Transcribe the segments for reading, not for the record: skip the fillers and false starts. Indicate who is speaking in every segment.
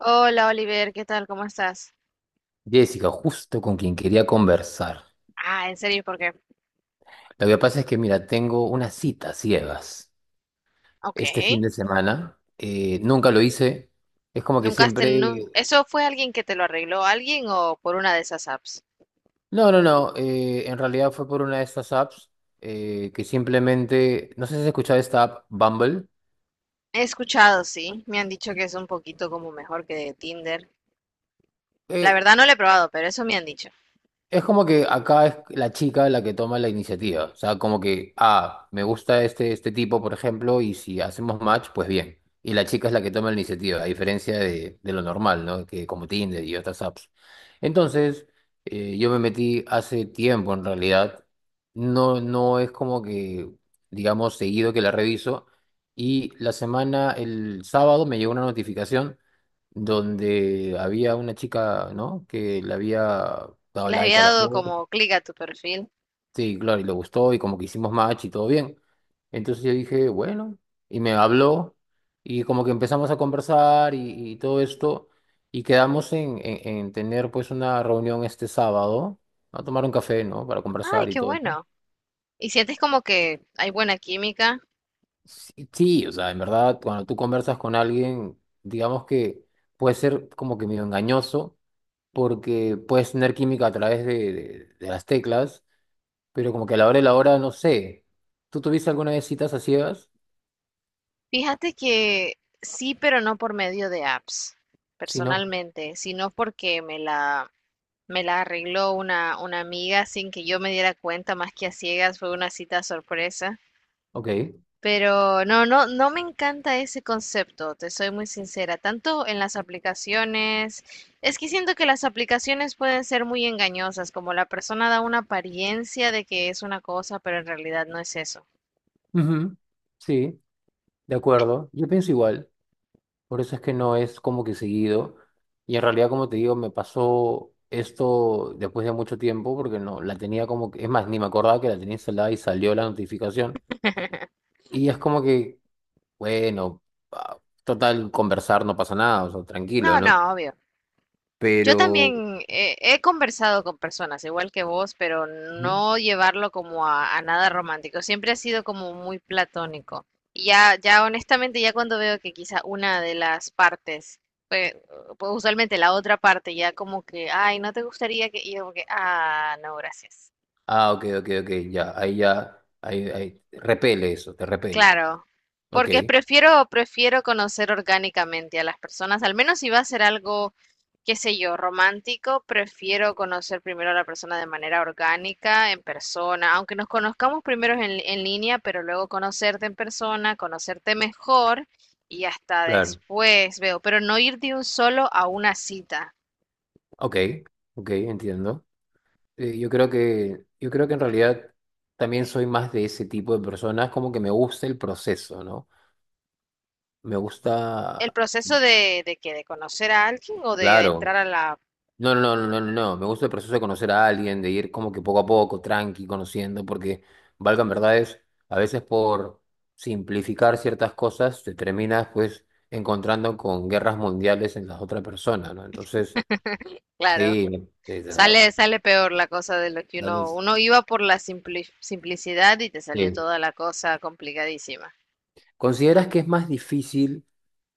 Speaker 1: Hola Oliver, ¿qué tal? ¿Cómo estás?
Speaker 2: Jessica, justo con quien quería conversar.
Speaker 1: Ah, ¿en serio? Porque,
Speaker 2: Lo que pasa es que, mira, tengo una cita a ciegas
Speaker 1: ok.
Speaker 2: este fin de semana. Nunca lo hice. Es como que
Speaker 1: Nunca has
Speaker 2: siempre...
Speaker 1: tenido... ¿Eso fue alguien que te lo arregló alguien o por una de esas apps?
Speaker 2: No, no, no. En realidad fue por una de estas apps que simplemente... No sé si has escuchado esta app, Bumble.
Speaker 1: He escuchado, sí. Me han dicho que es un poquito como mejor que Tinder. La
Speaker 2: Eh,
Speaker 1: verdad no lo he probado, pero eso me han dicho.
Speaker 2: Es como que acá es la chica la que toma la iniciativa. O sea, como que, ah, me gusta este tipo, por ejemplo, y si hacemos match, pues bien. Y la chica es la que toma la iniciativa, a diferencia de lo normal, ¿no? Que como Tinder y otras apps. Entonces, yo me metí hace tiempo en realidad. No, no es como que, digamos, seguido que la reviso. Y la semana, el sábado, me llegó una notificación donde había una chica, ¿no? Que le había dado
Speaker 1: Le
Speaker 2: like
Speaker 1: había
Speaker 2: a la
Speaker 1: dado
Speaker 2: foto.
Speaker 1: como clic a tu perfil.
Speaker 2: Sí, claro, y le gustó y como que hicimos match y todo bien. Entonces yo dije, bueno, y me habló y como que empezamos a conversar y todo esto y quedamos en tener pues una reunión este sábado, a tomar un café, ¿no? Para
Speaker 1: Ay,
Speaker 2: conversar y
Speaker 1: qué
Speaker 2: todo eso.
Speaker 1: bueno. Y sientes como que hay buena química.
Speaker 2: Sí, sí, o sea, en verdad, cuando tú conversas con alguien, digamos que puede ser como que medio engañoso porque puedes tener química a través de las teclas, pero como que a la hora de la hora, no sé. ¿Tú tuviste alguna vez citas a ciegas?
Speaker 1: Fíjate que sí, pero no por medio de apps,
Speaker 2: Si Sí. No,
Speaker 1: personalmente, sino porque me la... Me la arregló una amiga sin que yo me diera cuenta, más que a ciegas, fue una cita sorpresa.
Speaker 2: ok.
Speaker 1: Pero no, no, no me encanta ese concepto, te soy muy sincera, tanto en las aplicaciones, es que siento que las aplicaciones pueden ser muy engañosas, como la persona da una apariencia de que es una cosa, pero en realidad no es eso.
Speaker 2: Ujú. Sí, de acuerdo. Yo pienso igual, por eso es que no es como que seguido. Y en realidad, como te digo, me pasó esto después de mucho tiempo, porque no, la tenía como que, es más, ni me acordaba que la tenía instalada y salió la notificación. Y es como que, bueno, ah, total, conversar no pasa nada, o sea, tranquilo,
Speaker 1: No,
Speaker 2: ¿no?
Speaker 1: no, obvio. Yo
Speaker 2: Pero...
Speaker 1: también he conversado con personas igual que vos, pero no llevarlo como a nada romántico. Siempre ha sido como muy platónico. Y ya, ya honestamente, ya cuando veo que quizá una de las partes, pues, pues usualmente la otra parte, ya como que, ay, no te gustaría que, y yo como que, ah, no, gracias.
Speaker 2: Ah, ok, ok, ok, ya, ahí, ahí, repele eso, te repele.
Speaker 1: Claro,
Speaker 2: Ok,
Speaker 1: porque prefiero, prefiero conocer orgánicamente a las personas, al menos si va a ser algo, qué sé yo, romántico, prefiero conocer primero a la persona de manera orgánica, en persona, aunque nos conozcamos primero en línea, pero luego conocerte en persona, conocerte mejor y hasta
Speaker 2: claro,
Speaker 1: después veo, pero no ir de un solo a una cita.
Speaker 2: ok, ok, entiendo. Yo creo que en realidad también soy más de ese tipo de personas, como que me gusta el proceso, ¿no? Me gusta,
Speaker 1: El proceso de que de conocer a alguien o de entrar
Speaker 2: claro,
Speaker 1: a la,
Speaker 2: no, no, no, no, no, no. Me gusta el proceso de conocer a alguien, de ir como que poco a poco, tranqui, conociendo, porque valgan verdades, a veces por simplificar ciertas cosas te terminas pues encontrando con guerras mundiales en las otras personas, ¿no? Entonces,
Speaker 1: claro.
Speaker 2: sí,
Speaker 1: Sale, sale peor la cosa de lo que
Speaker 2: dale,
Speaker 1: uno iba por la simplicidad y te salió
Speaker 2: sí.
Speaker 1: toda la cosa complicadísima.
Speaker 2: ¿Consideras que es más difícil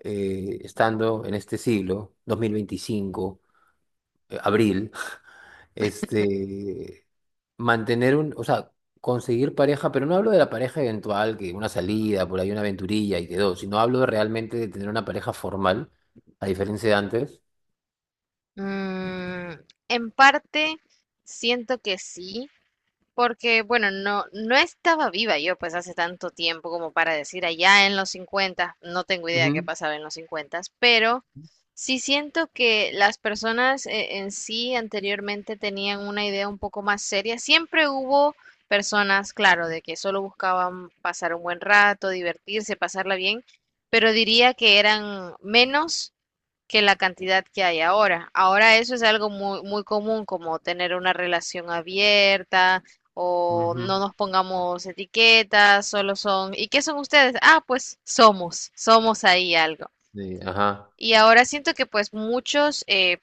Speaker 2: estando en este siglo, 2025, abril? Este, mantener un, o sea, conseguir pareja, pero no hablo de la pareja eventual, que una salida, por ahí una aventurilla y quedó, sino hablo realmente de tener una pareja formal, a diferencia de antes.
Speaker 1: Mm, en parte, siento que sí. Porque, bueno, no, no estaba viva yo pues hace tanto tiempo como para decir allá en los 50. No tengo idea qué
Speaker 2: Ujú,
Speaker 1: pasaba en los 50, pero sí siento que las personas en sí anteriormente tenían una idea un poco más seria. Siempre hubo personas, claro, de que solo buscaban pasar un buen rato, divertirse, pasarla bien, pero diría que eran menos que la cantidad que hay ahora. Ahora eso es algo muy, muy común, como tener una relación abierta o no
Speaker 2: ujú.
Speaker 1: nos pongamos etiquetas, solo son, ¿y qué son ustedes? Ah, pues somos, somos ahí algo.
Speaker 2: Ajá.
Speaker 1: Y ahora siento que pues muchos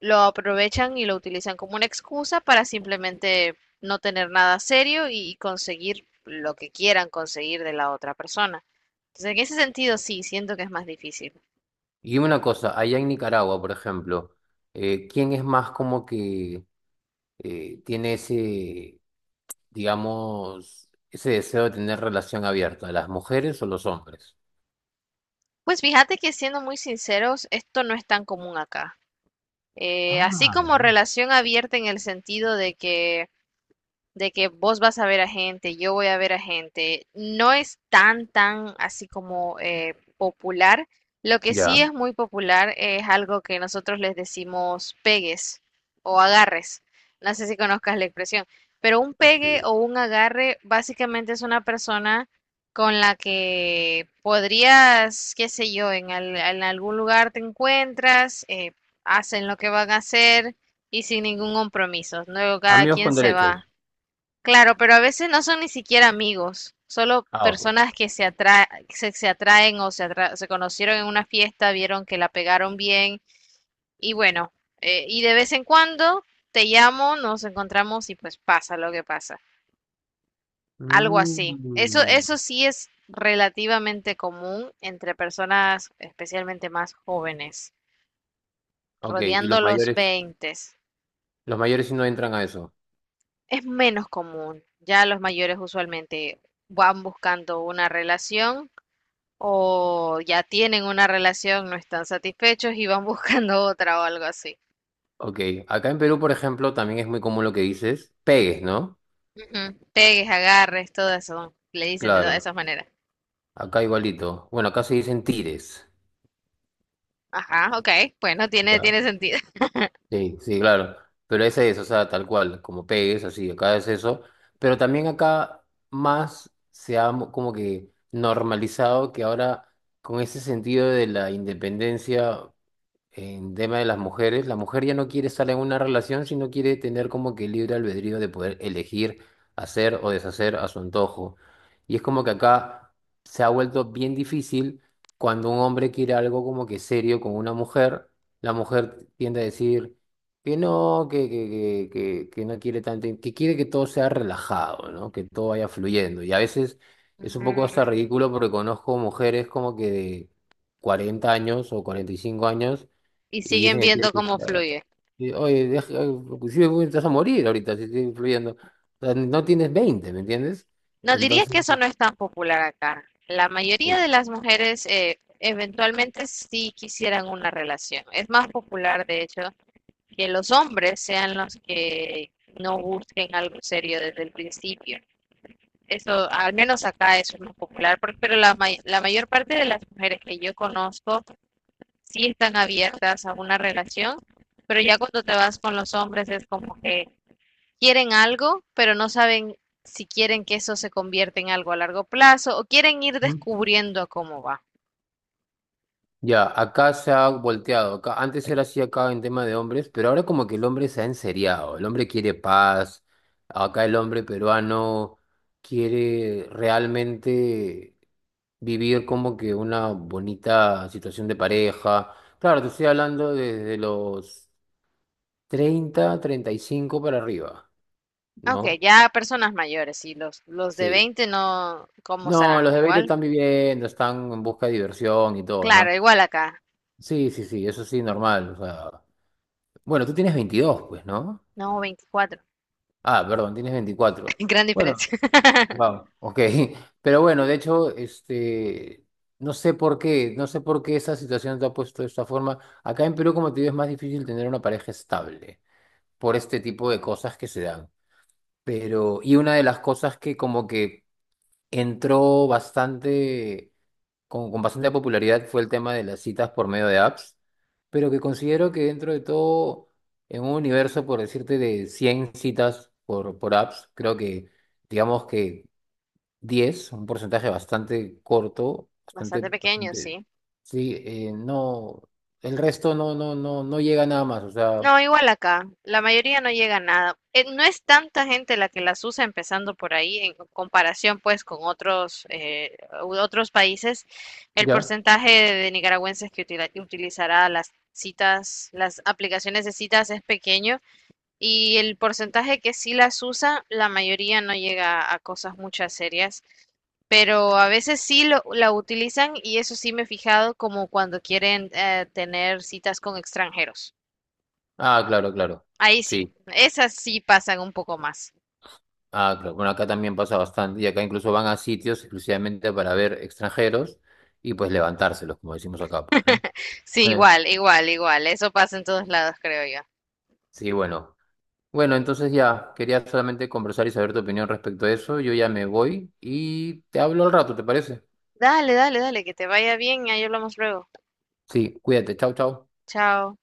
Speaker 1: lo aprovechan y lo utilizan como una excusa para simplemente no tener nada serio y conseguir lo que quieran conseguir de la otra persona. Entonces, en ese sentido, sí, siento que es más difícil.
Speaker 2: Y dime una cosa, allá en Nicaragua, por ejemplo, ¿quién es más como que tiene ese, digamos, ese deseo de tener relación abierta, las mujeres o los hombres?
Speaker 1: Pues fíjate que siendo muy sinceros, esto no es tan común acá. Así
Speaker 2: Ah,
Speaker 1: como
Speaker 2: bien.
Speaker 1: relación abierta en el sentido de que vos vas a ver a gente, yo voy a ver a gente, no es tan, tan así como popular. Lo que sí
Speaker 2: Ya.
Speaker 1: es muy popular es algo que nosotros les decimos pegues o agarres. No sé si conozcas la expresión, pero un pegue
Speaker 2: Sí.
Speaker 1: o un agarre básicamente es una persona con la que podrías, qué sé yo, en, en algún lugar te encuentras, hacen lo que van a hacer y sin ningún compromiso. Luego cada
Speaker 2: Amigos
Speaker 1: quien
Speaker 2: con
Speaker 1: se va.
Speaker 2: derechos.
Speaker 1: Claro, pero a veces no son ni siquiera amigos, solo
Speaker 2: Ah, ok.
Speaker 1: personas que se atraen o se conocieron en una fiesta, vieron que la pegaron bien y bueno, y de vez en cuando te llamo, nos encontramos y pues pasa lo que pasa, algo así. Eso,
Speaker 2: Mm.
Speaker 1: eso sí es relativamente común entre personas especialmente más jóvenes,
Speaker 2: Ok, y los
Speaker 1: rodeando los
Speaker 2: mayores,
Speaker 1: 20.
Speaker 2: los mayores sí no entran a eso.
Speaker 1: Es menos común, ya los mayores usualmente van buscando una relación. O ya tienen una relación, no están satisfechos y van buscando otra o algo así.
Speaker 2: Ok, acá en Perú, por ejemplo, también es muy común lo que dices, pegues, ¿no?
Speaker 1: Ujú. Pegues, agarres, todo eso. Le dicen de todas
Speaker 2: Claro,
Speaker 1: esas maneras.
Speaker 2: acá igualito. Bueno, acá se dicen tires.
Speaker 1: Ajá, ok. Bueno, tiene,
Speaker 2: Ya.
Speaker 1: tiene sentido.
Speaker 2: Sí, sí, claro. Pero ese es, o sea, tal cual, como pegues, así, acá es eso. Pero también acá más se ha como que normalizado que ahora, con ese sentido de la independencia. En tema de las mujeres, la mujer ya no quiere estar en una relación, sino quiere tener como que libre albedrío de poder elegir hacer o deshacer a su antojo. Y es como que acá se ha vuelto bien difícil cuando un hombre quiere algo como que serio con una mujer, la mujer tiende a decir que no, que no quiere tanto, que quiere que todo sea relajado, ¿no? Que todo vaya fluyendo. Y a veces es un poco hasta
Speaker 1: Mm.
Speaker 2: ridículo porque conozco mujeres como que de 40 años o 45 años
Speaker 1: Y
Speaker 2: y
Speaker 1: siguen
Speaker 2: dicen que quieren
Speaker 1: viendo
Speaker 2: que
Speaker 1: cómo fluye.
Speaker 2: y, oye, inclusive güey, te vas a morir ahorita si sigues influyendo. O sea, no tienes 20, ¿me entiendes?
Speaker 1: No dirías que
Speaker 2: Entonces,
Speaker 1: eso no es tan popular acá. La mayoría
Speaker 2: uy.
Speaker 1: de las mujeres eventualmente sí quisieran una relación. Es más popular, de hecho, que los hombres sean los que no busquen algo serio desde el principio. Eso, al menos acá eso es más popular, pero la, may la mayor parte de las mujeres que yo conozco sí están abiertas a una relación, pero ya cuando te vas con los hombres es como que quieren algo, pero no saben si quieren que eso se convierta en algo a largo plazo o quieren ir
Speaker 2: Ujú.
Speaker 1: descubriendo cómo va.
Speaker 2: Ya, acá se ha volteado. Acá, antes era así acá en tema de hombres, pero ahora como que el hombre se ha enseriado. El hombre quiere paz. Acá el hombre peruano quiere realmente vivir como que una bonita situación de pareja. Claro, te estoy hablando desde los 30, 35 para arriba,
Speaker 1: Ok,
Speaker 2: ¿no?
Speaker 1: ya personas mayores y los de
Speaker 2: Sí.
Speaker 1: 20 no, ¿cómo
Speaker 2: No, los
Speaker 1: serán?
Speaker 2: de 20
Speaker 1: Igual.
Speaker 2: están viviendo, están en busca de diversión y todo, ¿no?
Speaker 1: Claro, igual acá.
Speaker 2: Sí, sí, sí, eso sí, normal. O sea, bueno, tú tienes 22 pues, ¿no?
Speaker 1: No, 24.
Speaker 2: Ah, perdón, tienes 24.
Speaker 1: Gran
Speaker 2: Bueno,
Speaker 1: diferencia.
Speaker 2: wow, ok. Pero bueno, de hecho, este, no sé por qué esa situación te ha puesto de esta forma. Acá en Perú, como te digo, es más difícil tener una pareja estable por este tipo de cosas que se dan. Pero, y una de las cosas que como que entró bastante con bastante popularidad fue el tema de las citas por medio de apps, pero que considero que dentro de todo, en un universo, por decirte, de 100 citas por apps, creo que, digamos que 10, un porcentaje bastante corto, bastante,
Speaker 1: Bastante pequeño,
Speaker 2: bastante,
Speaker 1: sí.
Speaker 2: sí, no, el resto no llega nada más, o sea,
Speaker 1: No, igual acá, la mayoría no llega a nada. No es tanta gente la que las usa empezando por ahí, en comparación pues con otros, otros países. El
Speaker 2: ¿ya?
Speaker 1: porcentaje de nicaragüenses que utilizará las citas, las aplicaciones de citas es pequeño y el porcentaje que sí las usa, la mayoría no llega a cosas muchas serias. Pero a veces sí lo, la utilizan y eso sí me he fijado como cuando quieren tener citas con extranjeros.
Speaker 2: Ah, claro, claro,
Speaker 1: Ahí sí,
Speaker 2: sí.
Speaker 1: esas sí pasan un poco más.
Speaker 2: Ah, claro. Bueno, acá también pasa bastante y acá incluso van a sitios exclusivamente para ver extranjeros y pues levantárselos, como decimos acá, pues, ¿no?
Speaker 1: Sí,
Speaker 2: Eh,
Speaker 1: igual, igual, igual. Eso pasa en todos lados, creo yo.
Speaker 2: sí, bueno. Bueno, entonces ya, quería solamente conversar y saber tu opinión respecto a eso. Yo ya me voy y te hablo al rato, ¿te parece?
Speaker 1: Dale, dale, dale, que te vaya bien y ahí hablamos luego.
Speaker 2: Sí, cuídate. Chau, chau.
Speaker 1: Chao.